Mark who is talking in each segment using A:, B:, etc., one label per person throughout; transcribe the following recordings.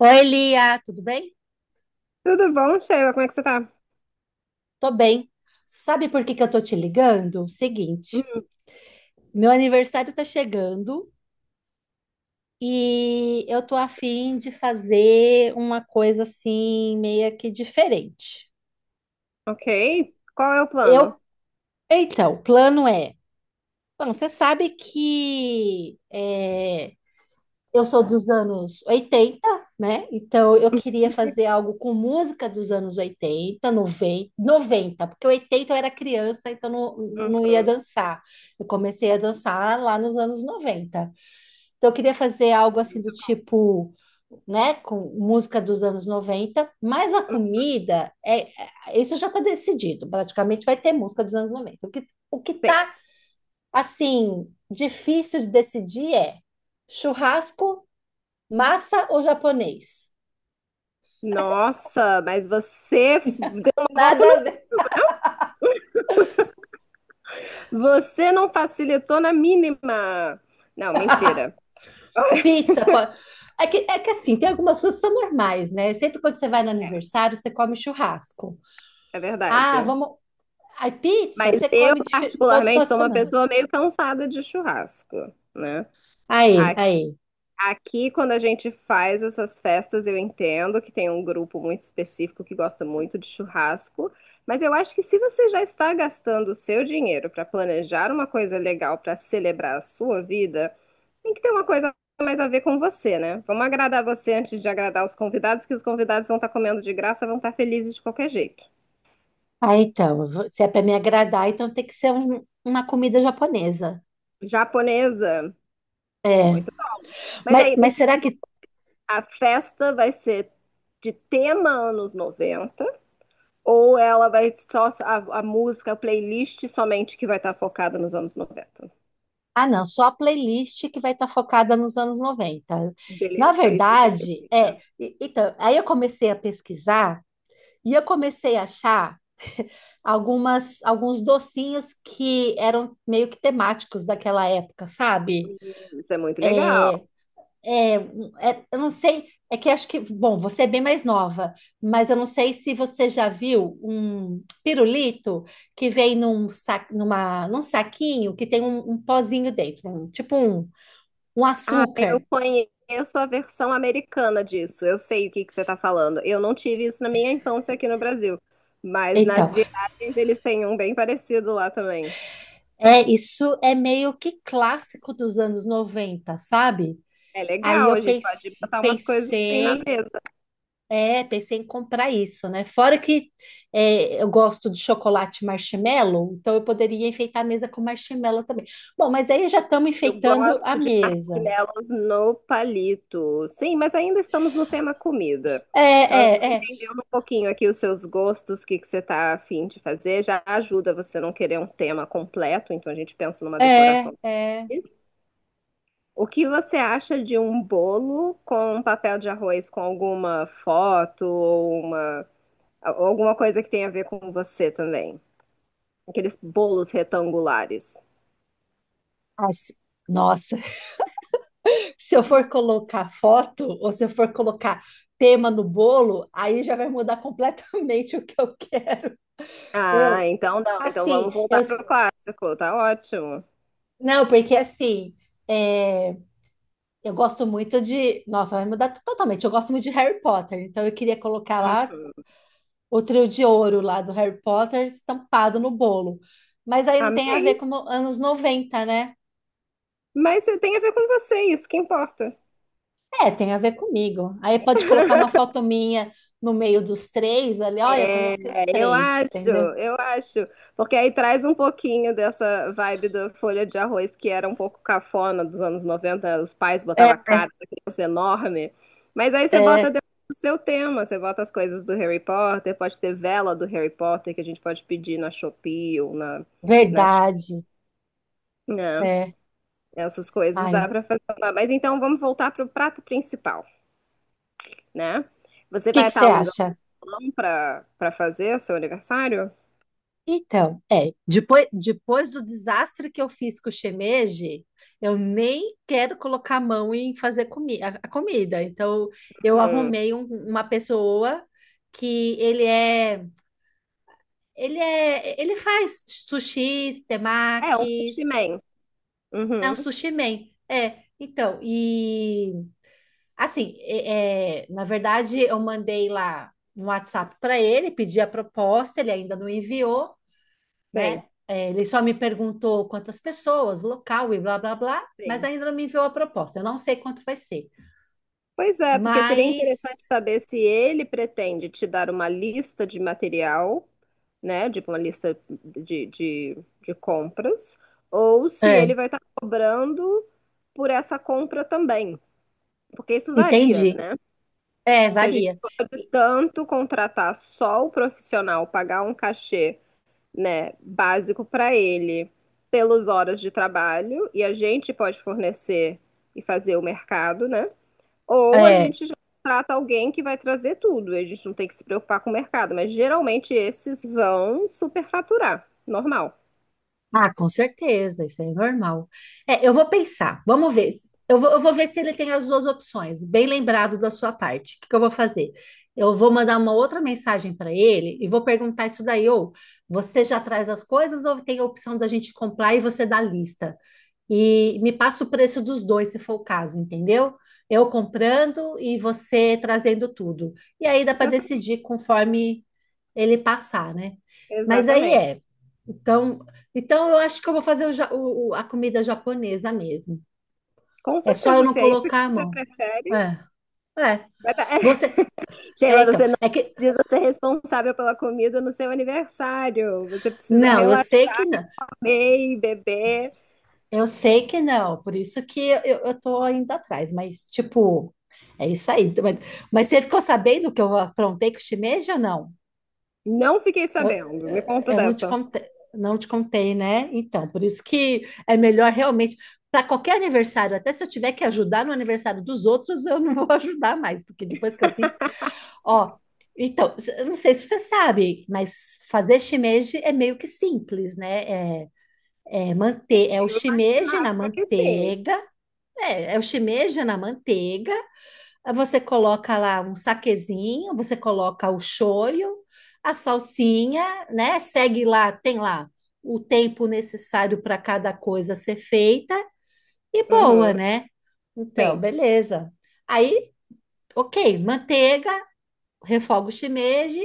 A: Oi, Lia, tudo bem?
B: Tudo bom, Sheila? Como é que você tá?
A: Tô bem. Sabe por que que eu tô te ligando? Seguinte,
B: Hum,
A: meu aniversário tá chegando e eu tô a fim de fazer uma coisa assim, meio que diferente.
B: ok. Qual é o plano?
A: Eu, então, o plano é, bom, você sabe que eu sou dos anos 80, né? Então eu queria fazer algo com música dos anos 80, noventa, porque 80 eu era criança, então não, não ia
B: Uhum.
A: dançar. Eu comecei a dançar lá nos anos 90. Então eu queria fazer algo assim do
B: Muito
A: tipo, né, com música dos anos 90, mas a
B: bom.
A: comida é, isso já está decidido, praticamente vai ter música dos anos 90. O que
B: Sim.
A: tá assim difícil de decidir é churrasco, massa ou japonês?
B: Nossa, mas deu uma volta
A: Nada
B: no.
A: a ver.
B: Você não facilitou na mínima. Não, mentira.
A: Pizza, pode. É que assim, tem algumas coisas que são normais, né? Sempre quando você vai no
B: É,
A: aniversário, você come churrasco.
B: é
A: Ah,
B: verdade.
A: vamos. Aí, pizza,
B: Mas
A: você
B: eu,
A: come todo final
B: particularmente,
A: de
B: sou uma
A: semana.
B: pessoa meio cansada de churrasco, né?
A: Aí, aí.
B: Aqui, quando a gente faz essas festas, eu entendo que tem um grupo muito específico que gosta muito de churrasco, mas eu acho que se você já está gastando o seu dinheiro para planejar uma coisa legal para celebrar a sua vida, tem que ter uma coisa mais a ver com você, né? Vamos agradar você antes de agradar os convidados, que os convidados vão estar comendo de graça, vão estar felizes de qualquer jeito.
A: Aí, então, se é para me agradar, então tem que ser uma comida japonesa.
B: Japonesa,
A: É.
B: muito bom. Mas
A: Mas,
B: aí, me
A: mas
B: diz
A: será
B: um
A: que.
B: pouco, a festa vai ser de tema anos noventa? Ou ela vai só a música, a playlist somente que vai estar focada nos anos noventa?
A: Ah, não, só a playlist que vai estar focada nos anos 90. Na
B: Beleza, isso
A: verdade,
B: significa.
A: então, aí eu comecei a pesquisar. E eu comecei a achar algumas, alguns docinhos que eram meio que temáticos daquela época, sabe?
B: Hum, Isso é muito legal.
A: É, eu não sei, é que acho que, bom, você é bem mais nova, mas eu não sei se você já viu um pirulito que vem num saquinho que tem um, um, pozinho dentro, tipo um
B: Ah, eu
A: açúcar.
B: conheço a versão americana disso. Eu sei o que que você está falando. Eu não tive isso na minha infância aqui no Brasil, mas nas
A: Então,
B: viagens eles têm um bem parecido lá também.
A: é isso é meio que clássico dos anos 90, sabe?
B: É
A: Aí
B: legal,
A: eu
B: a gente pode botar umas coisas assim na
A: pensei.
B: mesa.
A: É, pensei em comprar isso, né? Fora que eu gosto de chocolate marshmallow, então eu poderia enfeitar a mesa com marshmallow também. Bom, mas aí já estamos
B: Eu
A: enfeitando a
B: gosto de
A: mesa.
B: marshmallows no palito. Sim, mas ainda estamos no tema comida. Então, eu tô
A: É, é,
B: entendendo um pouquinho aqui os seus gostos, o que que você tá afim de fazer. Já ajuda você não querer um tema completo, então a gente pensa numa
A: é, é,
B: decoração
A: é.
B: simples. O que você acha de um bolo com um papel de arroz com alguma foto ou uma, ou alguma coisa que tenha a ver com você também? Aqueles bolos retangulares.
A: Ah, nossa, se eu for colocar foto ou se eu for colocar tema no bolo, aí já vai mudar completamente o que eu quero.
B: Ah,
A: Eu,
B: então não. Então
A: assim,
B: vamos
A: eu,
B: voltar pro clássico. Tá ótimo.
A: não, porque assim. é, Eu gosto muito de. Nossa, vai mudar totalmente. Eu gosto muito de Harry Potter, então eu queria colocar lá
B: Uhum.
A: o trio de ouro lá do Harry Potter estampado no bolo. Mas aí não tem a ver
B: Amei.
A: com anos 90, né?
B: Mas tem a ver com você, isso que importa.
A: É, tem a ver comigo. Aí pode colocar uma foto minha no meio dos três ali. Olha, eu
B: É,
A: conheci os três, entendeu?
B: eu acho. Porque aí traz um pouquinho dessa vibe da folha de arroz que era um pouco cafona dos anos 90, os pais
A: É,
B: botavam a cara da criança enorme. Mas aí você bota
A: é
B: dentro do seu tema, você bota as coisas do Harry Potter, pode ter vela do Harry Potter que a gente pode pedir na Shopee ou na, na
A: verdade.
B: China.
A: É.
B: Essas coisas
A: Ai,
B: dá
A: o
B: pra fazer lá. Mas então vamos voltar pro prato principal, né? Você
A: que
B: vai
A: que
B: estar
A: você
B: alugando um
A: acha?
B: salão para para fazer seu aniversário?
A: Então, depois do desastre que eu fiz com o shimeji, eu nem quero colocar a mão em fazer a comida. Então, eu
B: Uhum.
A: arrumei uma pessoa que ele faz sushis,
B: É, um
A: temakis,
B: sushi man.
A: é um
B: Uhum.
A: sushi man. É, então, e assim, na verdade, eu mandei lá um WhatsApp para ele, pedi a proposta, ele ainda não enviou,
B: Sim,
A: né? É, ele só me perguntou quantas pessoas, local e blá blá blá, mas
B: sim.
A: ainda não me enviou a proposta. Eu não sei quanto vai ser,
B: Pois é, porque seria
A: mas
B: interessante saber se ele pretende te dar uma lista de material, né? Tipo uma lista de, de compras, ou se
A: É,
B: ele vai estar cobrando por essa compra também. Porque isso varia,
A: entendi.
B: né? Porque a gente
A: Varia.
B: pode tanto contratar só o profissional, pagar um cachê, né, básico para ele pelas horas de trabalho e a gente pode fornecer e fazer o mercado, né? Ou a
A: É.
B: gente já trata alguém que vai trazer tudo, e a gente não tem que se preocupar com o mercado, mas geralmente esses vão superfaturar, normal.
A: Ah, com certeza, isso aí é normal. É, eu vou pensar, vamos ver. Eu vou ver se ele tem as duas opções. Bem lembrado da sua parte. O que que eu vou fazer? Eu vou mandar uma outra mensagem para ele e vou perguntar isso daí, ou você já traz as coisas ou tem a opção da gente comprar e você dá a lista? E me passa o preço dos dois, se for o caso, entendeu? Eu comprando e você trazendo tudo. E aí dá para
B: Exatamente.
A: decidir conforme ele passar, né? Mas aí
B: Exatamente.
A: é. Então, então, eu acho que eu vou fazer o ja- o- a comida japonesa mesmo.
B: Com
A: É só eu
B: certeza,
A: não
B: se é isso
A: colocar a
B: que você
A: mão.
B: prefere,
A: É, é.
B: vai dar.
A: Você,
B: Sheila,
A: então,
B: você não
A: é que,
B: precisa ser responsável pela comida no seu aniversário. Você precisa
A: não, eu sei que
B: relaxar e
A: não,
B: comer e beber.
A: eu sei que não, por isso que eu tô indo atrás, mas, tipo, é isso aí. Mas você ficou sabendo que eu aprontei com o shimeji ou não?
B: Não fiquei
A: Eu,
B: sabendo. Me conta
A: eh, eu não te
B: dessa.
A: contei, não te contei, né? Então, por isso que é melhor realmente, para qualquer aniversário, até se eu tiver que ajudar no aniversário dos outros, eu não vou ajudar mais, porque depois que eu fiz, ó. Então, eu não sei se você sabe, mas fazer shimeji é meio que simples, né? É, é o
B: Eu
A: shimeji na
B: imaginava que sim.
A: manteiga, é o shimeji na manteiga, você coloca lá um saquezinho, você coloca o shoyu, a salsinha, né? Segue lá, tem lá o tempo necessário para cada coisa ser feita e boa,
B: Uhum,
A: né? Então,
B: sim.
A: beleza. Aí, ok, manteiga, refoga o shimeji,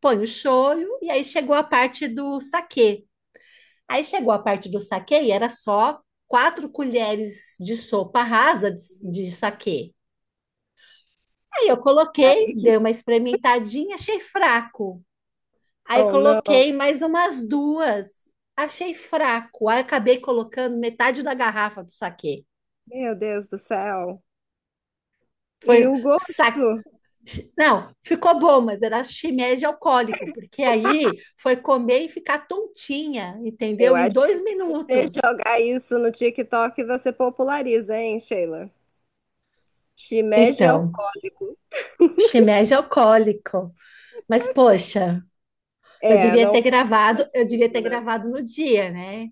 A: põe o shoyu e aí chegou a parte do saquê. Aí chegou a parte do saquê e era só 4 colheres de sopa rasa de saquê. Aí eu coloquei,
B: Aí que...
A: dei uma experimentadinha, achei fraco. Aí
B: Oh, não.
A: coloquei mais umas duas, achei fraco. Aí acabei colocando metade da garrafa do saquê.
B: Meu Deus do céu. E
A: Foi
B: o
A: sa...
B: gosto?
A: Não, ficou bom, mas era shimeji alcoólico, porque aí foi comer e ficar tontinha,
B: Eu
A: entendeu? Em
B: acho que
A: dois
B: se você
A: minutos.
B: jogar isso no TikTok, você populariza, hein, Sheila? Shimeji é
A: Então,
B: alcoólico.
A: shimeji alcoólico. Mas, poxa, eu
B: É,
A: devia
B: não é
A: ter
B: um
A: gravado, eu devia
B: objetivo,
A: ter
B: né?
A: gravado no dia, né?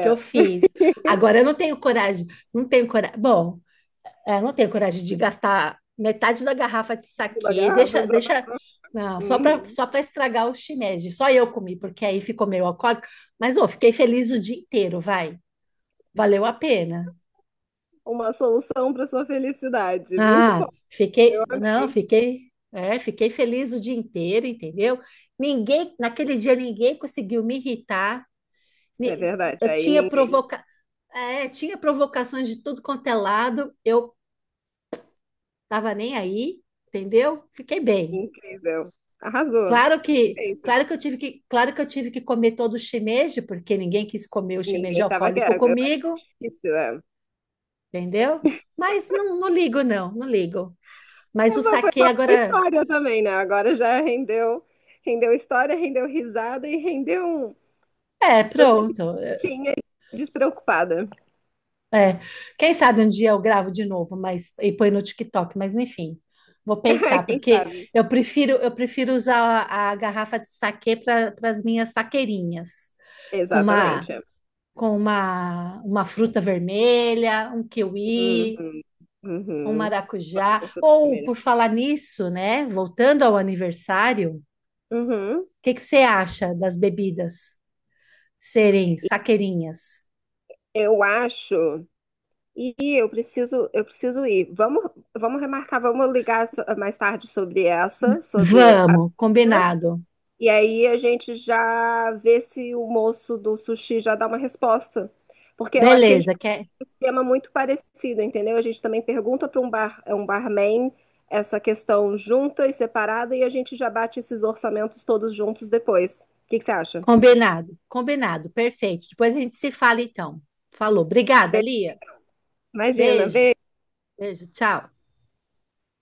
A: Que eu fiz. Agora eu não tenho coragem, não tenho coragem. Bom, eu não tenho coragem de gastar metade da garrafa de
B: de uma
A: saquê.
B: garrafa
A: Deixa,
B: só pra...
A: deixa, não,
B: Uhum.
A: só para estragar o shimeji. Só eu comi, porque aí ficou meio alcoólico, mas ô, fiquei feliz o dia inteiro, vai. Valeu a pena.
B: Uma solução para sua felicidade. Muito
A: Ah,
B: bom. Eu
A: fiquei, não,
B: amei.
A: fiquei, fiquei feliz o dia inteiro, entendeu? Ninguém, naquele dia ninguém conseguiu me irritar.
B: É
A: Ni-
B: verdade.
A: Eu
B: Aí
A: tinha
B: ninguém.
A: tinha provocações de tudo quanto é lado. Eu tava nem aí, entendeu? Fiquei bem.
B: Incrível. Arrasou. Feito.
A: Claro que eu tive que comer todo o shimeji, porque ninguém quis comer o shimeji
B: Ninguém tava
A: alcoólico
B: querendo. Eu acho
A: comigo,
B: difícil. É.
A: entendeu? Mas não, não ligo não, não ligo. Mas o
B: Foi
A: saquê
B: uma
A: agora
B: história também, né? Agora já rendeu, rendeu história, rendeu risada e rendeu. Um- Você
A: pronto.
B: tinha despreocupada.
A: É. Quem sabe um dia eu gravo de novo, mas e põe no TikTok, mas enfim. Vou pensar,
B: Quem
A: porque
B: sabe?
A: eu prefiro usar a garrafa de saquê para as minhas saqueirinhas com uma
B: Exatamente.
A: com uma fruta vermelha, um
B: Uhum,
A: kiwi, um
B: uhum. Gosto
A: maracujá.
B: muito da
A: Ou,
B: primeira.
A: por falar nisso, né? Voltando ao aniversário, o
B: Uhum.
A: que que você acha das bebidas serem
B: E
A: saqueirinhas?
B: eu acho. E eu preciso ir. Vamos remarcar, vamos ligar mais tarde sobre essa, sobre a,
A: Vamos,
B: né?
A: combinado.
B: E aí a gente já vê se o moço do sushi já dá uma resposta. Porque eu acho que a gente
A: Beleza,
B: faz
A: quer?
B: um esquema muito parecido, entendeu? A gente também pergunta para um bar, é um barman, essa questão junta e separada, e a gente já bate esses orçamentos todos juntos depois. O que que você acha?
A: Combinado, combinado, perfeito. Depois a gente se fala então. Falou. Obrigada,
B: Be-
A: Lia.
B: Imagina,
A: Beijo,
B: beijo.
A: beijo, tchau.